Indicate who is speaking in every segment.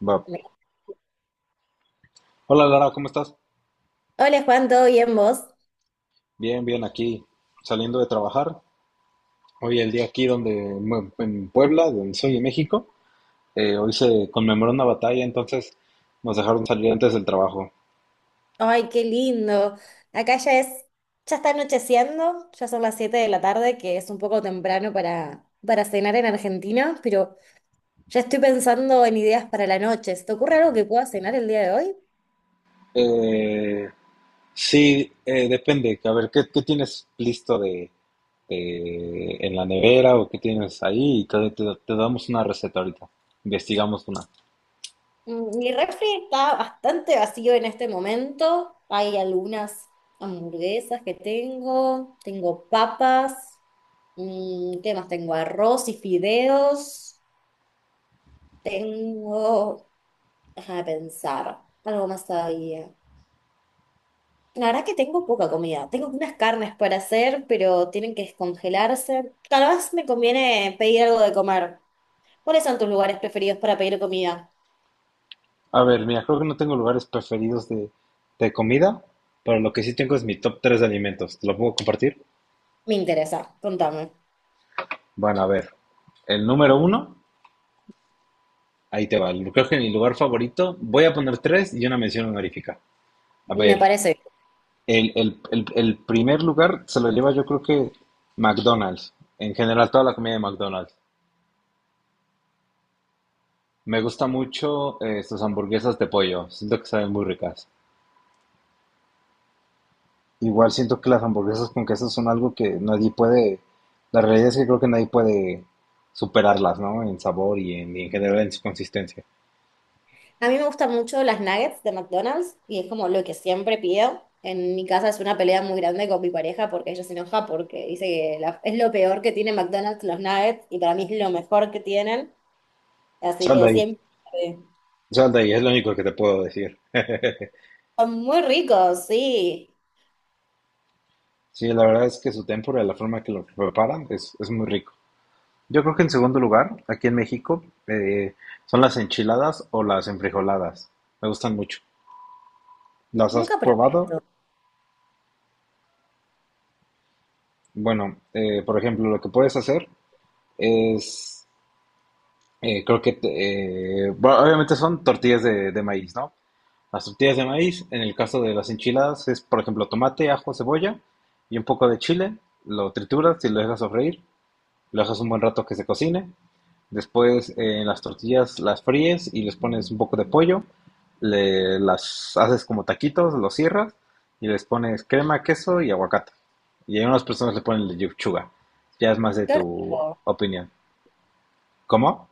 Speaker 1: Va. Hola Lara, ¿cómo estás?
Speaker 2: Hola Juan, ¿todo bien vos?
Speaker 1: Bien, bien, aquí saliendo de trabajar. Hoy el día aquí donde en Puebla, donde soy en México, hoy se conmemoró una batalla, entonces nos dejaron salir antes del trabajo.
Speaker 2: Ay, qué lindo. Acá ya es, ya está anocheciendo, ya son las 7 de la tarde, que es un poco temprano para, cenar en Argentina, pero ya estoy pensando en ideas para la noche. ¿Se te ocurre algo que pueda cenar el día de hoy?
Speaker 1: Eh, sí, depende. A ver, ¿qué tienes listo en la nevera o qué tienes ahí? Y te damos una receta ahorita. Investigamos una.
Speaker 2: Mi refri está bastante vacío en este momento. Hay algunas hamburguesas que tengo, tengo papas, ¿qué más tengo? Arroz y fideos. Tengo Déjame pensar, algo más todavía. La verdad que tengo poca comida. Tengo unas carnes para hacer, pero tienen que descongelarse. Tal vez me conviene pedir algo de comer. ¿Cuáles son tus lugares preferidos para pedir comida?
Speaker 1: A ver, mira, creo que no tengo lugares preferidos de comida, pero lo que sí tengo es mi top 3 de alimentos. ¿Te lo puedo compartir?
Speaker 2: Me interesa, contame.
Speaker 1: Bueno, a ver. El número uno, ahí te va. Creo que mi lugar favorito, voy a poner tres y una mención honorífica. A
Speaker 2: Me
Speaker 1: ver,
Speaker 2: parece.
Speaker 1: el primer lugar se lo lleva yo creo que McDonald's. En general, toda la comida de McDonald's. Me gusta mucho, sus hamburguesas de pollo. Siento que saben muy ricas. Igual siento que las hamburguesas con queso son algo que nadie puede, la realidad es que creo que nadie puede superarlas, ¿no? En sabor y en general en su consistencia.
Speaker 2: A mí me gustan mucho las nuggets de McDonald's y es como lo que siempre pido. En mi casa es una pelea muy grande con mi pareja porque ella se enoja porque dice que es lo peor que tiene McDonald's los nuggets y para mí es lo mejor que tienen. Así
Speaker 1: Sal de
Speaker 2: que
Speaker 1: ahí,
Speaker 2: siempre.
Speaker 1: sal de ahí, es lo único que te puedo decir.
Speaker 2: Son muy ricos, sí.
Speaker 1: Sí, la verdad es que su tempura, la forma que lo preparan, es muy rico. Yo creo que en segundo lugar, aquí en México, son las enchiladas o las enfrijoladas. Me gustan mucho. ¿Las has
Speaker 2: Nunca probé
Speaker 1: probado?
Speaker 2: esto.
Speaker 1: Bueno, por ejemplo, lo que puedes hacer es. Creo que, bueno, obviamente son tortillas de maíz, ¿no? Las tortillas de maíz, en el caso de las enchiladas, es, por ejemplo, tomate, ajo, cebolla y un poco de chile. Lo trituras y lo dejas sofreír. Lo dejas un buen rato que se cocine. Después, las tortillas las fríes y les pones un poco de pollo. Las haces como taquitos, los cierras y les pones crema, queso y aguacate. Y hay unas personas le ponen lechuga. Ya es más de
Speaker 2: Qué
Speaker 1: tu
Speaker 2: rico,
Speaker 1: opinión. ¿Cómo?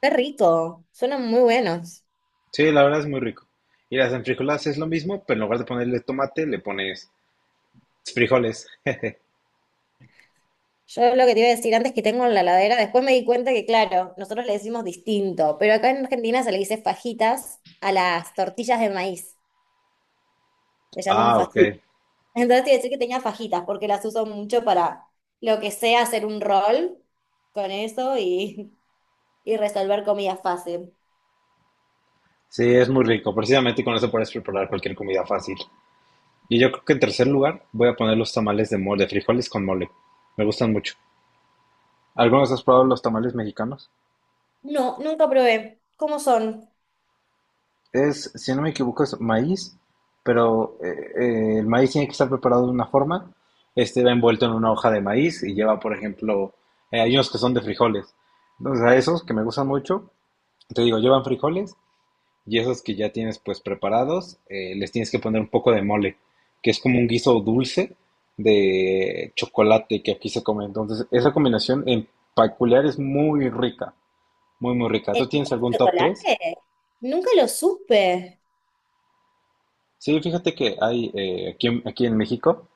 Speaker 2: qué rico. Suenan muy buenos.
Speaker 1: Sí, la verdad es muy rico. Y las enfrijoladas es lo mismo, pero en lugar de ponerle tomate, le pones frijoles.
Speaker 2: Yo lo que te iba a decir antes que tengo en la heladera, después me di cuenta que, claro, nosotros le decimos distinto, pero acá en Argentina se le dice fajitas a las tortillas de maíz. Se llaman
Speaker 1: Ah, ok.
Speaker 2: fajitas. Entonces te iba a decir que tenía fajitas, porque las uso mucho para lo que sea hacer un rol con eso y resolver comida fácil.
Speaker 1: Sí, es muy rico. Precisamente con eso puedes preparar cualquier comida fácil. Y yo creo que en tercer lugar voy a poner los tamales de mole, de frijoles con mole. Me gustan mucho. ¿Algunos has probado los tamales mexicanos?
Speaker 2: No, nunca probé. ¿Cómo son?
Speaker 1: Es, si no me equivoco, es maíz, pero el maíz tiene que estar preparado de una forma. Este va envuelto en una hoja de maíz y lleva, por ejemplo, hay unos que son de frijoles. Entonces, a esos que me gustan mucho, te digo, llevan frijoles y esos que ya tienes pues preparados, les tienes que poner un poco de mole, que es como un guiso dulce de chocolate que aquí se come. Entonces, esa combinación en peculiar es muy rica, muy, muy rica.
Speaker 2: ¿El
Speaker 1: ¿Tú tienes
Speaker 2: mundo
Speaker 1: algún
Speaker 2: de
Speaker 1: top 3?
Speaker 2: chocolate? Nunca lo supe.
Speaker 1: Sí, fíjate que hay, aquí, aquí en México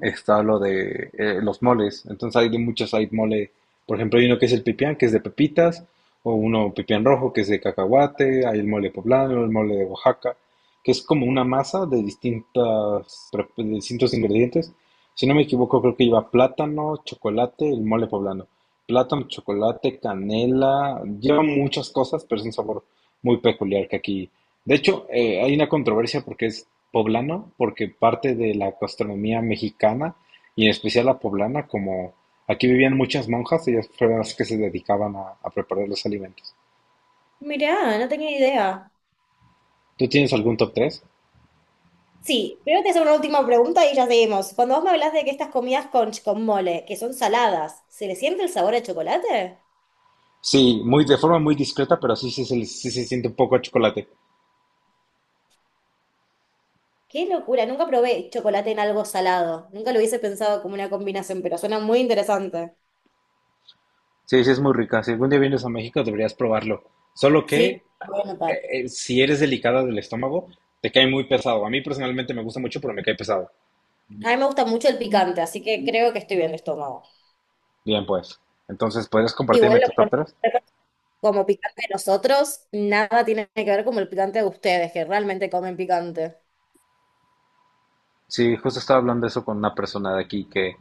Speaker 1: está lo de, los moles. Entonces hay de muchos, hay mole, por ejemplo, hay uno que es el pipián, que es de pepitas, o uno pipián rojo, que es de cacahuate, hay el mole poblano, el mole de Oaxaca, que es como una masa de de distintos ingredientes. Si no me equivoco, creo que lleva plátano, chocolate, el mole poblano. Plátano, chocolate, canela, lleva muchas cosas, pero es un sabor muy peculiar que aquí. De hecho, hay una controversia porque es poblano porque parte de la gastronomía mexicana y en especial la poblana, como aquí vivían muchas monjas, ellas fueron las que se dedicaban a preparar los alimentos.
Speaker 2: Mirá, no tenía idea.
Speaker 1: ¿Tú tienes algún top tres?
Speaker 2: Sí, primero te hacer una última pregunta y ya seguimos. Cuando vos me hablas de que estas comidas con, mole, que son saladas, ¿se le siente el sabor de chocolate?
Speaker 1: Sí, muy de forma muy discreta, pero sí, sí, sí se siente un poco a chocolate.
Speaker 2: Qué locura, nunca probé chocolate en algo salado. Nunca lo hubiese pensado como una combinación, pero suena muy interesante.
Speaker 1: Sí, sí, es muy rica. Si algún día vienes a México, deberías probarlo. Solo que
Speaker 2: Sí, lo voy a anotar.
Speaker 1: si eres delicada del estómago, te cae muy pesado. A mí personalmente me gusta mucho, pero me cae pesado.
Speaker 2: A mí me gusta mucho el picante, así que creo que estoy bien de estómago.
Speaker 1: Bien, pues. Entonces, ¿podrías
Speaker 2: Igual
Speaker 1: compartirme
Speaker 2: lo
Speaker 1: tu top
Speaker 2: que
Speaker 1: tres?
Speaker 2: como picante de nosotros, nada tiene que ver con el picante de ustedes, que realmente comen picante.
Speaker 1: Sí, justo estaba hablando de eso con una persona de aquí que,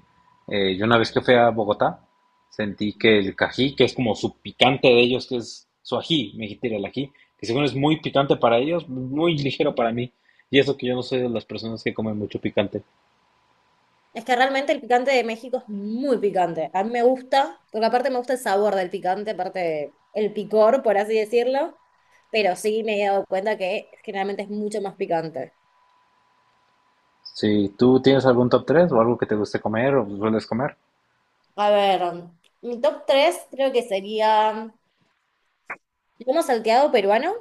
Speaker 1: yo una vez que fui a Bogotá sentí que el cají, que es como su picante de ellos, que es su ají, me dijiste el ají, que según es muy picante para ellos, muy ligero para mí. Y eso que yo no soy de las personas que comen mucho picante.
Speaker 2: Es que realmente el picante de México es muy picante. A mí me gusta, porque aparte me gusta el sabor del picante, aparte el picor, por así decirlo. Pero sí me he dado cuenta que generalmente es mucho más picante.
Speaker 1: Si tú tienes algún top 3 o algo que te guste comer o sueles comer.
Speaker 2: A ver, mi top 3 creo que sería lomo salteado peruano.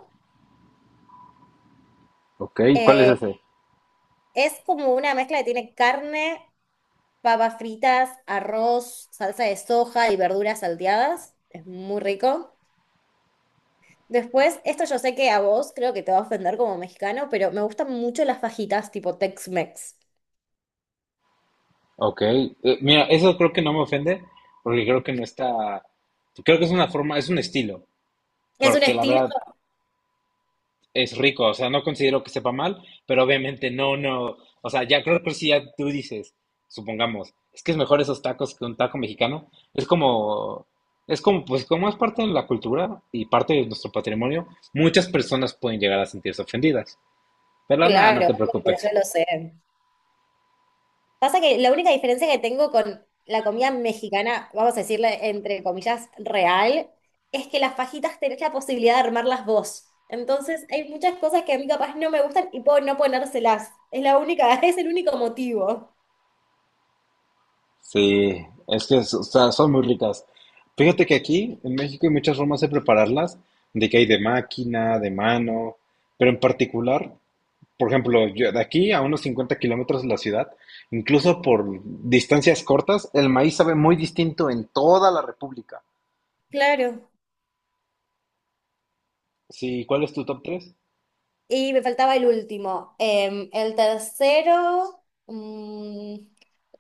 Speaker 1: Ok, ¿cuál es
Speaker 2: Eh,
Speaker 1: ese?
Speaker 2: es como una mezcla que tiene carne, papas fritas, arroz, salsa de soja y verduras salteadas. Es muy rico. Después, esto yo sé que a vos creo que te va a ofender como mexicano, pero me gustan mucho las fajitas tipo Tex-Mex.
Speaker 1: Ok, mira, eso creo que no me ofende porque creo que no está, creo que es una forma, es un estilo,
Speaker 2: Es un
Speaker 1: porque la
Speaker 2: estilo,
Speaker 1: verdad es rico, o sea, no considero que sepa mal, pero obviamente no, no, o sea, ya creo que si ya tú dices, supongamos, es que es mejor esos tacos que un taco mexicano, es como, pues como es parte de la cultura y parte de nuestro patrimonio, muchas personas pueden llegar a sentirse ofendidas, pero nada, no
Speaker 2: claro,
Speaker 1: te
Speaker 2: obvio,
Speaker 1: preocupes.
Speaker 2: yo lo sé. Pasa que la única diferencia que tengo con la comida mexicana, vamos a decirle entre comillas, real, es que las fajitas tenés la posibilidad de armarlas vos. Entonces, hay muchas cosas que a mí capaz no me gustan y puedo no ponérselas. Es la única, es el único motivo.
Speaker 1: Sí, es que o sea, son muy ricas. Fíjate que aquí en México hay muchas formas de prepararlas, de que hay de máquina, de mano, pero en particular. Por ejemplo, yo de aquí a unos 50 kilómetros de la ciudad, incluso por distancias cortas, el maíz sabe muy distinto en toda la República.
Speaker 2: Claro.
Speaker 1: Sí, ¿cuál es tu top 3?
Speaker 2: Y me faltaba el último. El tercero.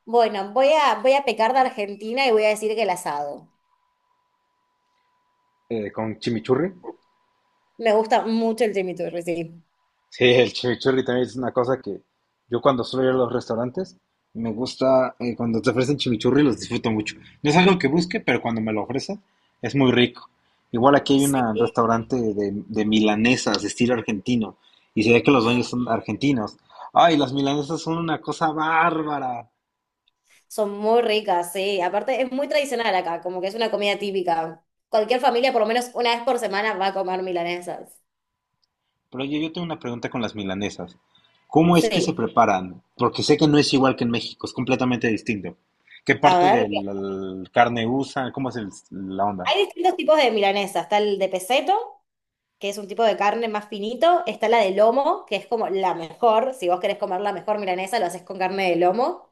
Speaker 2: Bueno, voy a, pecar de Argentina y voy a decir que el asado.
Speaker 1: Con chimichurri.
Speaker 2: Me gusta mucho el chimichurri, sí.
Speaker 1: Sí, el chimichurri también es una cosa que yo cuando suelo ir a los restaurantes, me gusta, cuando te ofrecen chimichurri los disfruto mucho. No es algo que busque, pero cuando me lo ofrecen es muy rico. Igual aquí hay
Speaker 2: Sí.
Speaker 1: un restaurante de milanesas, de estilo argentino, y se ve que los dueños son argentinos. Ay, las milanesas son una cosa bárbara.
Speaker 2: Son muy ricas, sí. Aparte, es muy tradicional acá, como que es una comida típica. Cualquier familia, por lo menos una vez por semana, va a comer milanesas.
Speaker 1: Pero oye, yo tengo una pregunta con las milanesas. ¿Cómo es que se
Speaker 2: Sí.
Speaker 1: preparan? Porque sé que no es igual que en México, es completamente distinto. ¿Qué
Speaker 2: A
Speaker 1: parte de
Speaker 2: ver,
Speaker 1: la carne usan? ¿Cómo es el- la onda?
Speaker 2: hay distintos tipos de milanesas. Está el de peseto, que es un tipo de carne más finito. Está la de lomo, que es como la mejor. Si vos querés comer la mejor milanesa, lo haces con carne de lomo.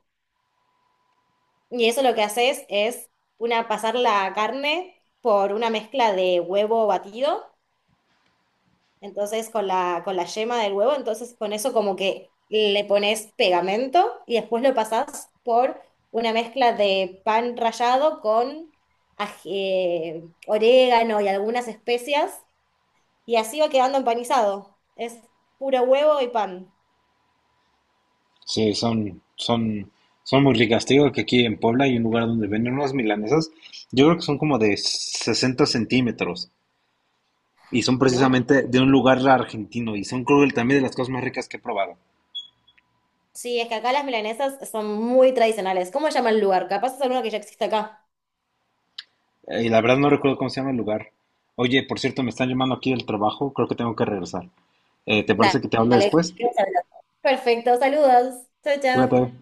Speaker 2: Y eso lo que haces es una, pasar la carne por una mezcla de huevo batido, entonces con la, yema del huevo, entonces con eso como que le pones pegamento y después lo pasás por una mezcla de pan rallado con ají- orégano y algunas especias. Y así va quedando empanizado. Es puro huevo y pan.
Speaker 1: Sí, son muy ricas. Te digo que aquí en Puebla hay un lugar donde venden unas milanesas. Yo creo que son como de 60 centímetros. Y son
Speaker 2: Enorme.
Speaker 1: precisamente de un lugar argentino y son creo que también de las cosas más ricas que he probado.
Speaker 2: Sí, es que acá las milanesas son muy tradicionales. ¿Cómo se llama el lugar? Capaz es alguno que ya existe acá.
Speaker 1: Y la verdad no recuerdo cómo se llama el lugar. Oye, por cierto, me están llamando aquí del trabajo, creo que tengo que regresar. ¿Te parece que te hable
Speaker 2: Dale.
Speaker 1: después?
Speaker 2: Perfecto, saludos. Chao,
Speaker 1: Cuídate.
Speaker 2: chao.